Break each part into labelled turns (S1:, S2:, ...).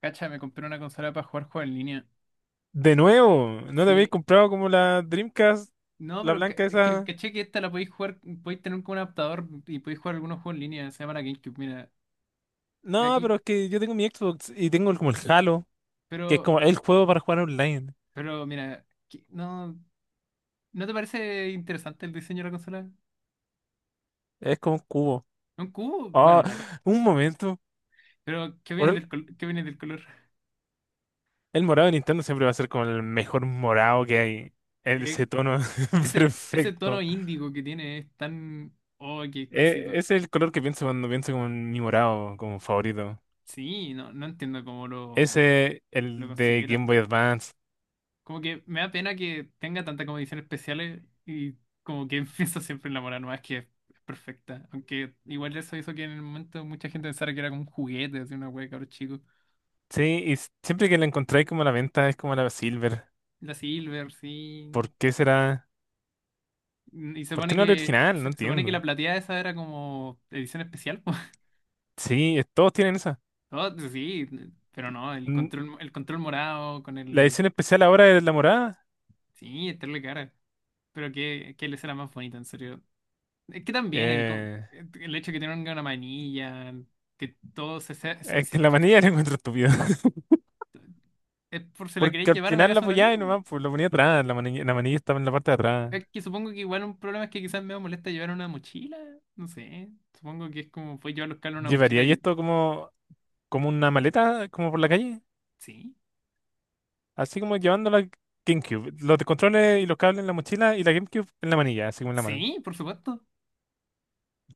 S1: Cacha, me compré una consola para jugar juegos en línea.
S2: De nuevo, ¿no te habéis
S1: Sí.
S2: comprado como la Dreamcast,
S1: No,
S2: la
S1: pero
S2: blanca
S1: es que
S2: esa?
S1: caché que esta la podéis jugar, podéis tener como un adaptador y podéis jugar algunos juegos en línea. Se llama la GameCube, mira. Mira
S2: No,
S1: aquí.
S2: pero es que yo tengo mi Xbox y tengo como el Halo, que es
S1: Pero,
S2: como el juego para jugar online.
S1: pero mira, no, ¿no te parece interesante el diseño de la consola?
S2: Es como un cubo.
S1: ¿Un cubo? Bueno,
S2: Ah, un momento.
S1: pero ¿qué
S2: Por
S1: viene del, qué viene del color?
S2: el morado de Nintendo siempre va a ser como el mejor morado que hay.
S1: Eh,
S2: Ese tono
S1: ese, ese tono
S2: perfecto.
S1: índigo que tiene es tan... Oh, qué
S2: E-
S1: exquisito.
S2: ese es el color que pienso cuando pienso como en mi morado como favorito.
S1: Sí, no, no entiendo cómo
S2: Ese,
S1: lo
S2: el de Game
S1: consideran.
S2: Boy Advance.
S1: Como que me da pena que tenga tantas condiciones especiales y como que pienso siempre en la mora nomás que es perfecta. Aunque igual eso hizo que en el momento mucha gente pensara que era como un juguete, así una wea de cabros chicos.
S2: Sí, y siempre que la encontráis como a la venta es como la Silver.
S1: La Silver, sí.
S2: ¿Por qué será?
S1: Y se
S2: ¿Por qué
S1: pone
S2: no el
S1: que
S2: original? No
S1: se pone que la
S2: entiendo.
S1: plateada esa era como edición especial, po.
S2: Sí, todos tienen esa.
S1: Oh, sí, pero no,
S2: N-
S1: el control morado con
S2: La
S1: el...
S2: edición especial ahora es la morada.
S1: Sí, estarle cara. Pero que les era más bonita, en serio. Es que también el,
S2: Eh,
S1: el hecho de que tenga una manilla, que todo se,
S2: es que la manilla la encuentro estúpida.
S1: es por si la
S2: Porque
S1: queréis
S2: al
S1: llevar a la
S2: final la
S1: casa de un
S2: apoyaba y
S1: amigo.
S2: nomás pues, lo ponía atrás. La manilla estaba en la parte de atrás.
S1: Es que supongo que igual un problema es que quizás me molesta llevar una mochila. No sé. Supongo que es como fue llevar los cables en una
S2: ¿Llevaría
S1: mochila
S2: y
S1: y.
S2: esto como, como una maleta, como por la calle?
S1: Sí,
S2: Así como llevando la GameCube. Los controles y los cables en la mochila y la GameCube en la manilla, así como en la mano.
S1: sí, por supuesto.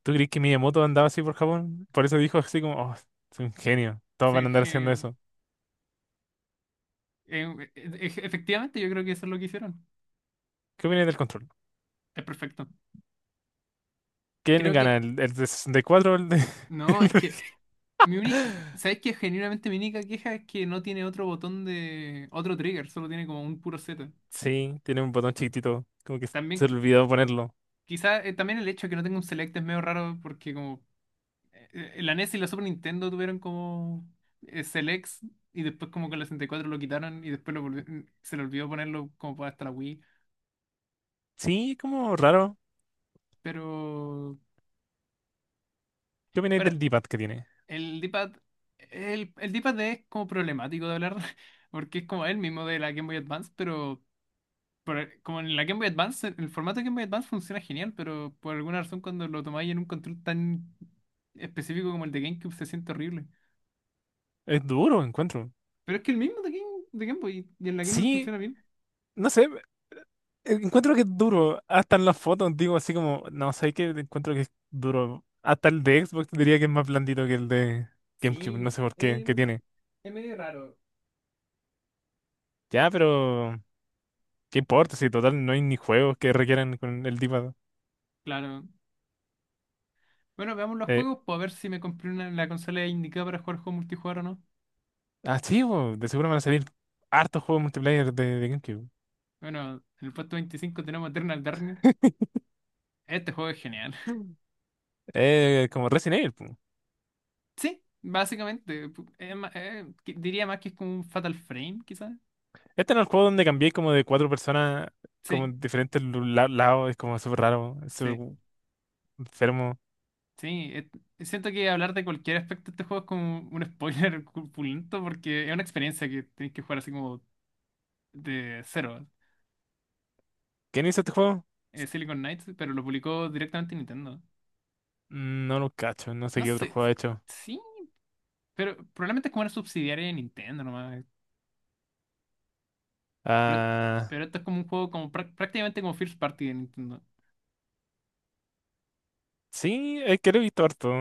S2: ¿Tú crees que Miyamoto andaba así por Japón? Por eso dijo así como, oh, soy un genio. Todos van
S1: Sí,
S2: a andar haciendo eso.
S1: efectivamente, yo creo que eso es lo que hicieron.
S2: ¿Qué opinas del control?
S1: Es perfecto.
S2: ¿Quién
S1: Creo
S2: gana?
S1: que.
S2: El de 64? ¿O
S1: No,
S2: el
S1: es
S2: de-
S1: que. Mi uni- ¿Sabes qué? Genuinamente mi única queja es que no tiene otro botón de, otro trigger, solo tiene como un puro Z.
S2: Sí, tiene un botón chiquitito? Como que se
S1: También
S2: olvidó ponerlo.
S1: quizá también el hecho de que no tenga un Select es medio raro porque como eh, la NES y la Super Nintendo tuvieron como Selects y después como que la 64 lo quitaron y después se le olvidó ponerlo como para hasta la Wii.
S2: Sí, es como raro.
S1: Pero,
S2: ¿Qué opináis
S1: pero
S2: del D-pad que tiene?
S1: el D-pad, el D-pad es como problemático de hablar porque es como el mismo de la Game Boy Advance, pero como en la Game Boy Advance, el formato de Game Boy Advance funciona genial, pero por alguna razón cuando lo tomáis en un control tan específico como el de GameCube se siente horrible.
S2: Es duro, encuentro.
S1: Pero es que el mismo de Game Boy y en la Game Boy
S2: Sí,
S1: funciona bien.
S2: no sé, encuentro que es duro. Hasta en las fotos digo así como, no sé qué, encuentro que es duro. Hasta el de Xbox diría que es más blandito que el de GameCube, no
S1: Sí,
S2: sé por qué, que tiene.
S1: es medio raro.
S2: Ya, pero ¿qué importa? Si total no hay ni juegos que requieran con el D-pad.
S1: Claro. Bueno, veamos los
S2: Eh,
S1: juegos, para ver si me compré una, la consola indicada para jugar juegos multijugador o no.
S2: Ah, sí, bo, de seguro van a salir hartos juegos multiplayer de GameCube.
S1: Bueno, en el puesto 25 tenemos Eternal Darkness. Este juego es genial.
S2: Como Resident Evil. Po.
S1: Sí, básicamente. Diría más que es como un Fatal Frame, quizás.
S2: Este no es el juego donde cambié como de cuatro personas, como
S1: Sí,
S2: en diferentes lados? Es como súper raro, es súper
S1: sí,
S2: enfermo.
S1: sí. Siento que hablar de cualquier aspecto de este juego es como un spoiler culpulento porque es una experiencia que tenéis que jugar así como de cero.
S2: ¿Quién hizo este juego?
S1: Silicon Knights, pero lo publicó directamente Nintendo.
S2: Mm, no lo cacho, no sé
S1: No
S2: qué otro
S1: sé,
S2: juego ha hecho.
S1: sí, pero probablemente es como una subsidiaria de Nintendo nomás. Pero,
S2: Ah,
S1: pero esto es como un juego como prácticamente como first party de Nintendo.
S2: sí, es que lo he visto harto.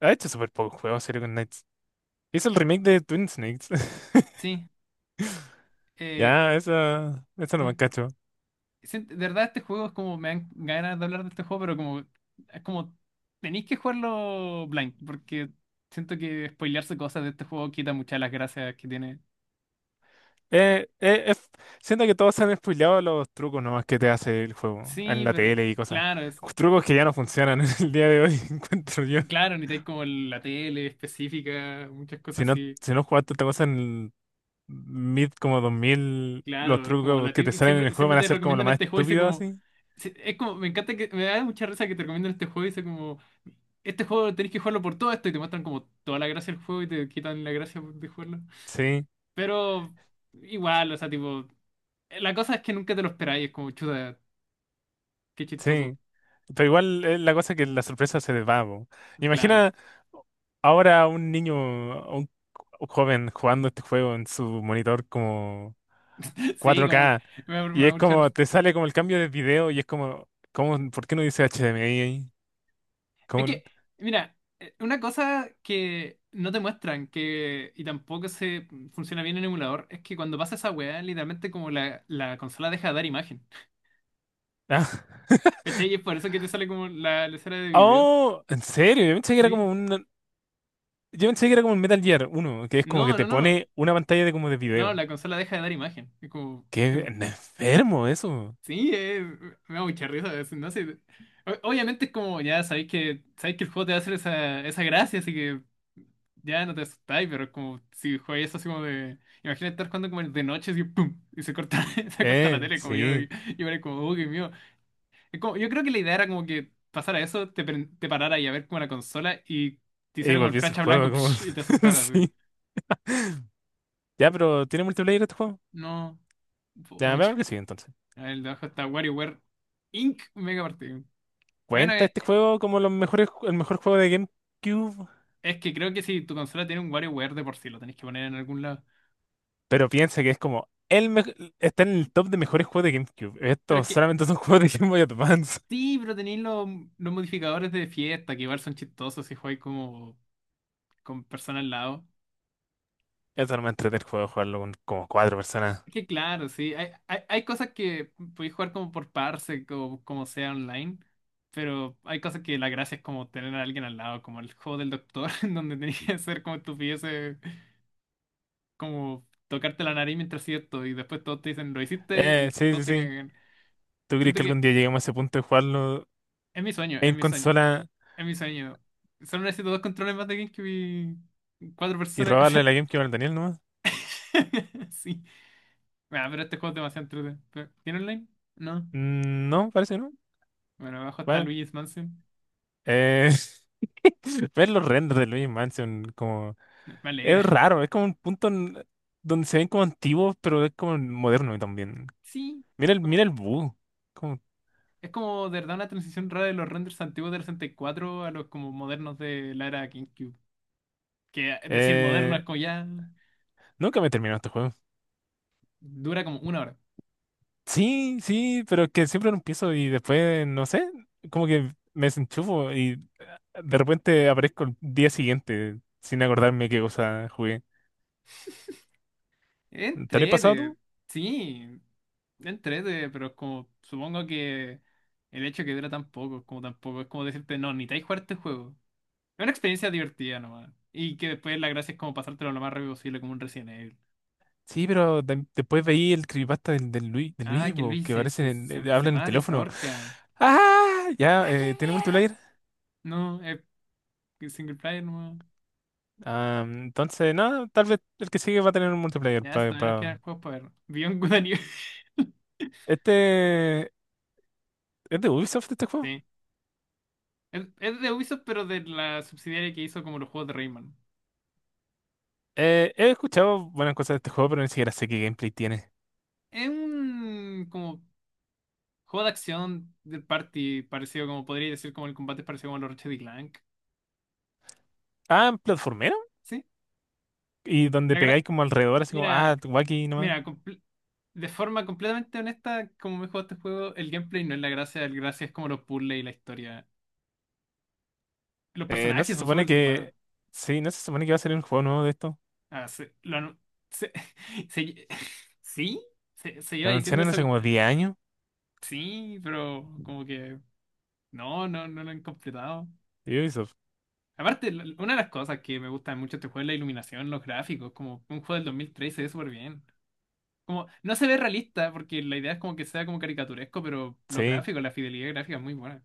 S2: Ha hecho súper pocos juegos, serio, con Knights. Hizo el remake de Twin Snakes.
S1: Sí, eh,
S2: Ya, eso no me
S1: me-
S2: cacho.
S1: de verdad este juego es como me dan ganas de hablar de este juego, pero como es como tenéis que jugarlo blind, porque siento que spoilearse cosas de este juego quita muchas de las gracias que tiene.
S2: Eh, eh, es- Siento que todos se han spoileado los trucos nomás que te hace el juego en
S1: Sí,
S2: la
S1: pero
S2: tele y cosas.
S1: claro, es,
S2: Trucos que ya no funcionan en el día de hoy, encuentro yo.
S1: claro, necesitáis como la tele específica, muchas
S2: Si
S1: cosas
S2: no,
S1: así.
S2: si no jugaste esta cosa en mid como 2000, los
S1: Claro,
S2: trucos que te salen en el
S1: siempre,
S2: juego
S1: siempre
S2: van a
S1: te
S2: ser como lo
S1: recomiendan
S2: más
S1: este juego y sé
S2: estúpido
S1: como.
S2: así.
S1: Es como, me encanta que. Me da mucha risa que te recomiendan este juego y sé como. Este juego tenés que jugarlo por todo esto y te muestran como toda la gracia del juego y te quitan la gracia de jugarlo.
S2: Sí,
S1: Pero igual, o sea, tipo. La cosa es que nunca te lo esperáis, es como chuta, qué chistoso.
S2: sí. Pero igual es la cosa que la sorpresa se desvaba. Po.
S1: Claro.
S2: Imagina ahora a un niño, a un joven jugando este juego en su monitor como
S1: Sí, como.
S2: 4K.
S1: Me, da-
S2: Y
S1: me,
S2: es como, te sale como el cambio de video y es como, ¿cómo, por qué no dice HDMI ahí?
S1: Es
S2: ¿Cómo?
S1: que, mira, una cosa que no te muestran que, y tampoco se funciona bien en emulador, es que cuando pasa esa weá, literalmente como la consola deja de dar imagen.
S2: Ah.
S1: ¿Cachai? Y es por eso que te sale como la escena de video.
S2: Oh, en serio,
S1: ¿Sí?
S2: yo pensé que era como el Metal Gear uno, que es como que
S1: No, no,
S2: te
S1: no.
S2: pone una pantalla de como de
S1: No,
S2: video.
S1: la consola deja de dar imagen. Es como.
S2: Qué enfermo eso.
S1: Sí, me da mucha risa. No sé. Obviamente es como, ya sabéis que el juego te va a hacer esa, esa gracia, así que ya no te asustáis, pero es como si jugáis eso así como de. Imagina estar jugando como de noche así, ¡pum! Y se corta, se corta la tele, como yo,
S2: Sí.
S1: yo era como, oh, qué mío. Yo creo que la idea era como que pasara eso, te, te parara y a ver como la consola y te
S2: Y
S1: hiciera como el
S2: volví a el
S1: flash a
S2: juego
S1: blanco
S2: como,
S1: psh, y te asustara así.
S2: sí. Ya, pero ¿tiene multiplayer este juego?
S1: No.
S2: Ya,
S1: Oye,
S2: veamos que sí entonces.
S1: el de abajo está WarioWare Inc. Mega partido. Bueno,
S2: ¿Cuenta este juego como los mejores, el mejor juego de GameCube?
S1: es que creo que si tu consola tiene un WarioWare de por sí, lo tenés que poner en algún lado.
S2: Pero piensa que es como el está en el top de mejores juegos de GameCube.
S1: Pero es
S2: Estos
S1: que
S2: solamente son juegos de Game Boy Advance.
S1: sí, pero tenéis los modificadores de fiesta, que igual son chistosos si jugáis como con personas al lado.
S2: Eso no me entretiene el juego, jugarlo con como cuatro personas.
S1: Es que claro, sí, hay cosas que podéis jugar como por parse, como, como sea online, pero hay cosas que la gracia es como tener a alguien al lado, como el juego del doctor, en donde tenías que hacer como estupideces, como tocarte la nariz mientras hacías esto, y después todos te dicen, lo hiciste, y
S2: Sí, sí,
S1: todos te
S2: sí.
S1: cagan.
S2: ¿Tú crees
S1: Siento
S2: que
S1: que
S2: algún día lleguemos a ese punto de jugarlo
S1: es mi sueño, es
S2: en
S1: mi sueño.
S2: consola
S1: Es mi sueño. Solo necesito dos controles más de GameCube y cuatro
S2: y
S1: personas.
S2: robarle la GameCube al Daniel nomás?
S1: Sí. Bueno, pero este juego es demasiado entretenido. ¿Tiene online? No.
S2: Mm, no, parece que no.
S1: Bueno, abajo está
S2: Bueno.
S1: Luigi's Mansion.
S2: Eh, Ver los renders de Luigi Mansion como...
S1: No, me
S2: Es
S1: alegra.
S2: raro, es como un punto donde se ven como antiguos, pero es como moderno también.
S1: Sí. Como-
S2: Mira el bug. Como,
S1: Es como de verdad una transición rara de los renders antiguos del 64 a los como modernos de la era GameCube. Que es decir moderno
S2: eh,
S1: es como ya
S2: nunca me terminó este juego.
S1: dura como una hora.
S2: Sí, sí, pero que siempre lo empiezo y después, no sé, como que me desenchufo y de repente aparezco el día siguiente sin acordarme qué cosa jugué. ¿Te lo has pasado
S1: Entrete,
S2: tú?
S1: sí, entrete, pero es como, supongo que el hecho que dura tan poco, es como tampoco, es como decirte, no, ni te hay jugar este juego. Es una experiencia divertida nomás. Y que después la gracia es como pasártelo lo más rápido posible, como un Resident Evil.
S2: Sí, pero después veí el creepypasta del Luis, de
S1: Ah,
S2: Luis,
S1: que
S2: po,
S1: Luis
S2: que
S1: se,
S2: aparece,
S1: se,
S2: en,
S1: se, se
S2: habla en el
S1: mata y se
S2: teléfono.
S1: ahorca.
S2: ¡Ah! Ya,
S1: ¡Ah, qué
S2: ¿tiene
S1: miedo!
S2: multiplayer?
S1: No, es single player nomás.
S2: Ah, entonces, no, tal vez el que sigue va a tener un multiplayer.
S1: Ya, si
S2: Pa,
S1: todavía nos
S2: pa-
S1: quedan juegos para ver. Beyond Good and Evil.
S2: Este, ¿es de Ubisoft este juego?
S1: Sí. Es de Ubisoft, pero de la subsidiaria que hizo como los juegos de Rayman.
S2: He escuchado buenas cosas de este juego, pero ni siquiera sé qué gameplay tiene.
S1: Es un como juego de acción del party parecido como podría decir como el combate parecido como los Ratchet y Clank.
S2: Ah, en platformero.
S1: Sí.
S2: Y donde
S1: La gra-
S2: pegáis como alrededor, así como, ah,
S1: mira,
S2: tu aquí nomás.
S1: mira, de forma completamente honesta, como me he jugado este juego, el gameplay no es la gracia, el gracia es como los puzzles y la historia. Los
S2: No
S1: personajes
S2: se
S1: son
S2: supone
S1: súper buenos.
S2: que. Sí, no se supone que va a salir un juego nuevo de esto.
S1: Ah, se, lo anu- se- se- sí, se iba
S2: Lo
S1: diciendo
S2: anunciaron
S1: eso.
S2: hace como 10 años.
S1: Sí, pero como que no, no, no lo han completado.
S2: De Ubisoft.
S1: Aparte, una de las cosas que me gusta mucho de este juego es la iluminación, los gráficos, como un juego del 2013 se ve súper bien. Como, no se ve realista, porque la idea es como que sea como caricaturesco, pero los
S2: Sí.
S1: gráficos, la fidelidad gráfica es muy buena,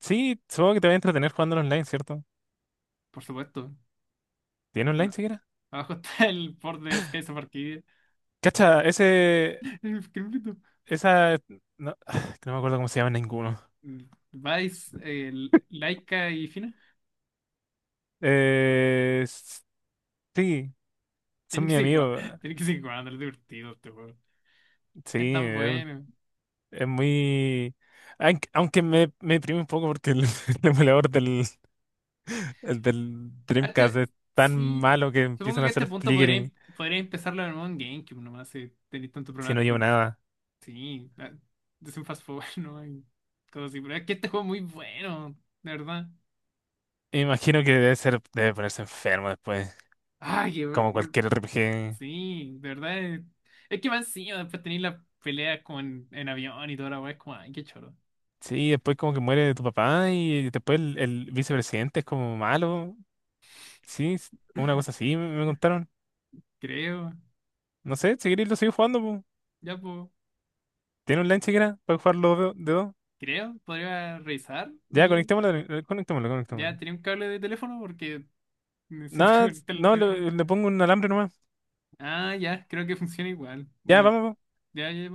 S2: Sí, supongo que te va a entretener jugando online, ¿cierto?
S1: por supuesto.
S2: ¿Tiene online
S1: Bueno,
S2: siquiera?
S1: abajo está el port de Skies of Arcadia.
S2: Cacha, ese.
S1: Qué bonito.
S2: Esa. No, que no me acuerdo cómo se llama ninguno.
S1: Vice, Laika y Fina.
S2: Eh, s- sí, son
S1: Tienen que
S2: mi
S1: seguir jugando,
S2: amigo.
S1: tienen que seguir jugando, es divertido este juego. Es
S2: Sí,
S1: tan
S2: es,
S1: bueno.
S2: es muy. Aunque me, me deprime un poco porque el emulador del, el del
S1: A
S2: Dreamcast
S1: este,
S2: es tan
S1: sí,
S2: malo que
S1: supongo
S2: empiezan
S1: que
S2: a
S1: a este
S2: hacer
S1: punto podría,
S2: flickering
S1: podría empezarlo en un GameCube nomás, si tenéis tantos
S2: si
S1: problemas
S2: no llevo
S1: con...
S2: nada.
S1: Sí, ah, es un fast forward, ¿no? Hay cosas así, pero es que este juego es muy bueno, de verdad.
S2: Imagino que debe ser, debe ponerse enfermo después,
S1: Ay, eh,
S2: como
S1: eh,
S2: cualquier RPG.
S1: sí, de verdad. Es que más encima después tenéis las peleas como en avión y toda la weá, es como, ay, qué choro.
S2: Sí, después como que muere tu papá y después el vicepresidente es como malo. Sí, es una cosa así me, me contaron.
S1: Creo,
S2: No sé, si queréis lo sigo jugando, po.
S1: ya pues,
S2: Tiene online siquiera para jugarlo de dos.
S1: creo, podría revisar
S2: Ya,
S1: aquí.
S2: conectémoslo, conectémoslo,
S1: Ya
S2: conectémoslo.
S1: tenía un cable de teléfono porque necesito
S2: Nada,
S1: conectar el
S2: no,
S1: teléfono.
S2: le pongo un alambre nomás.
S1: Ah, ya, creo que funciona igual.
S2: Ya,
S1: Bueno,
S2: vamos.
S1: ya, ya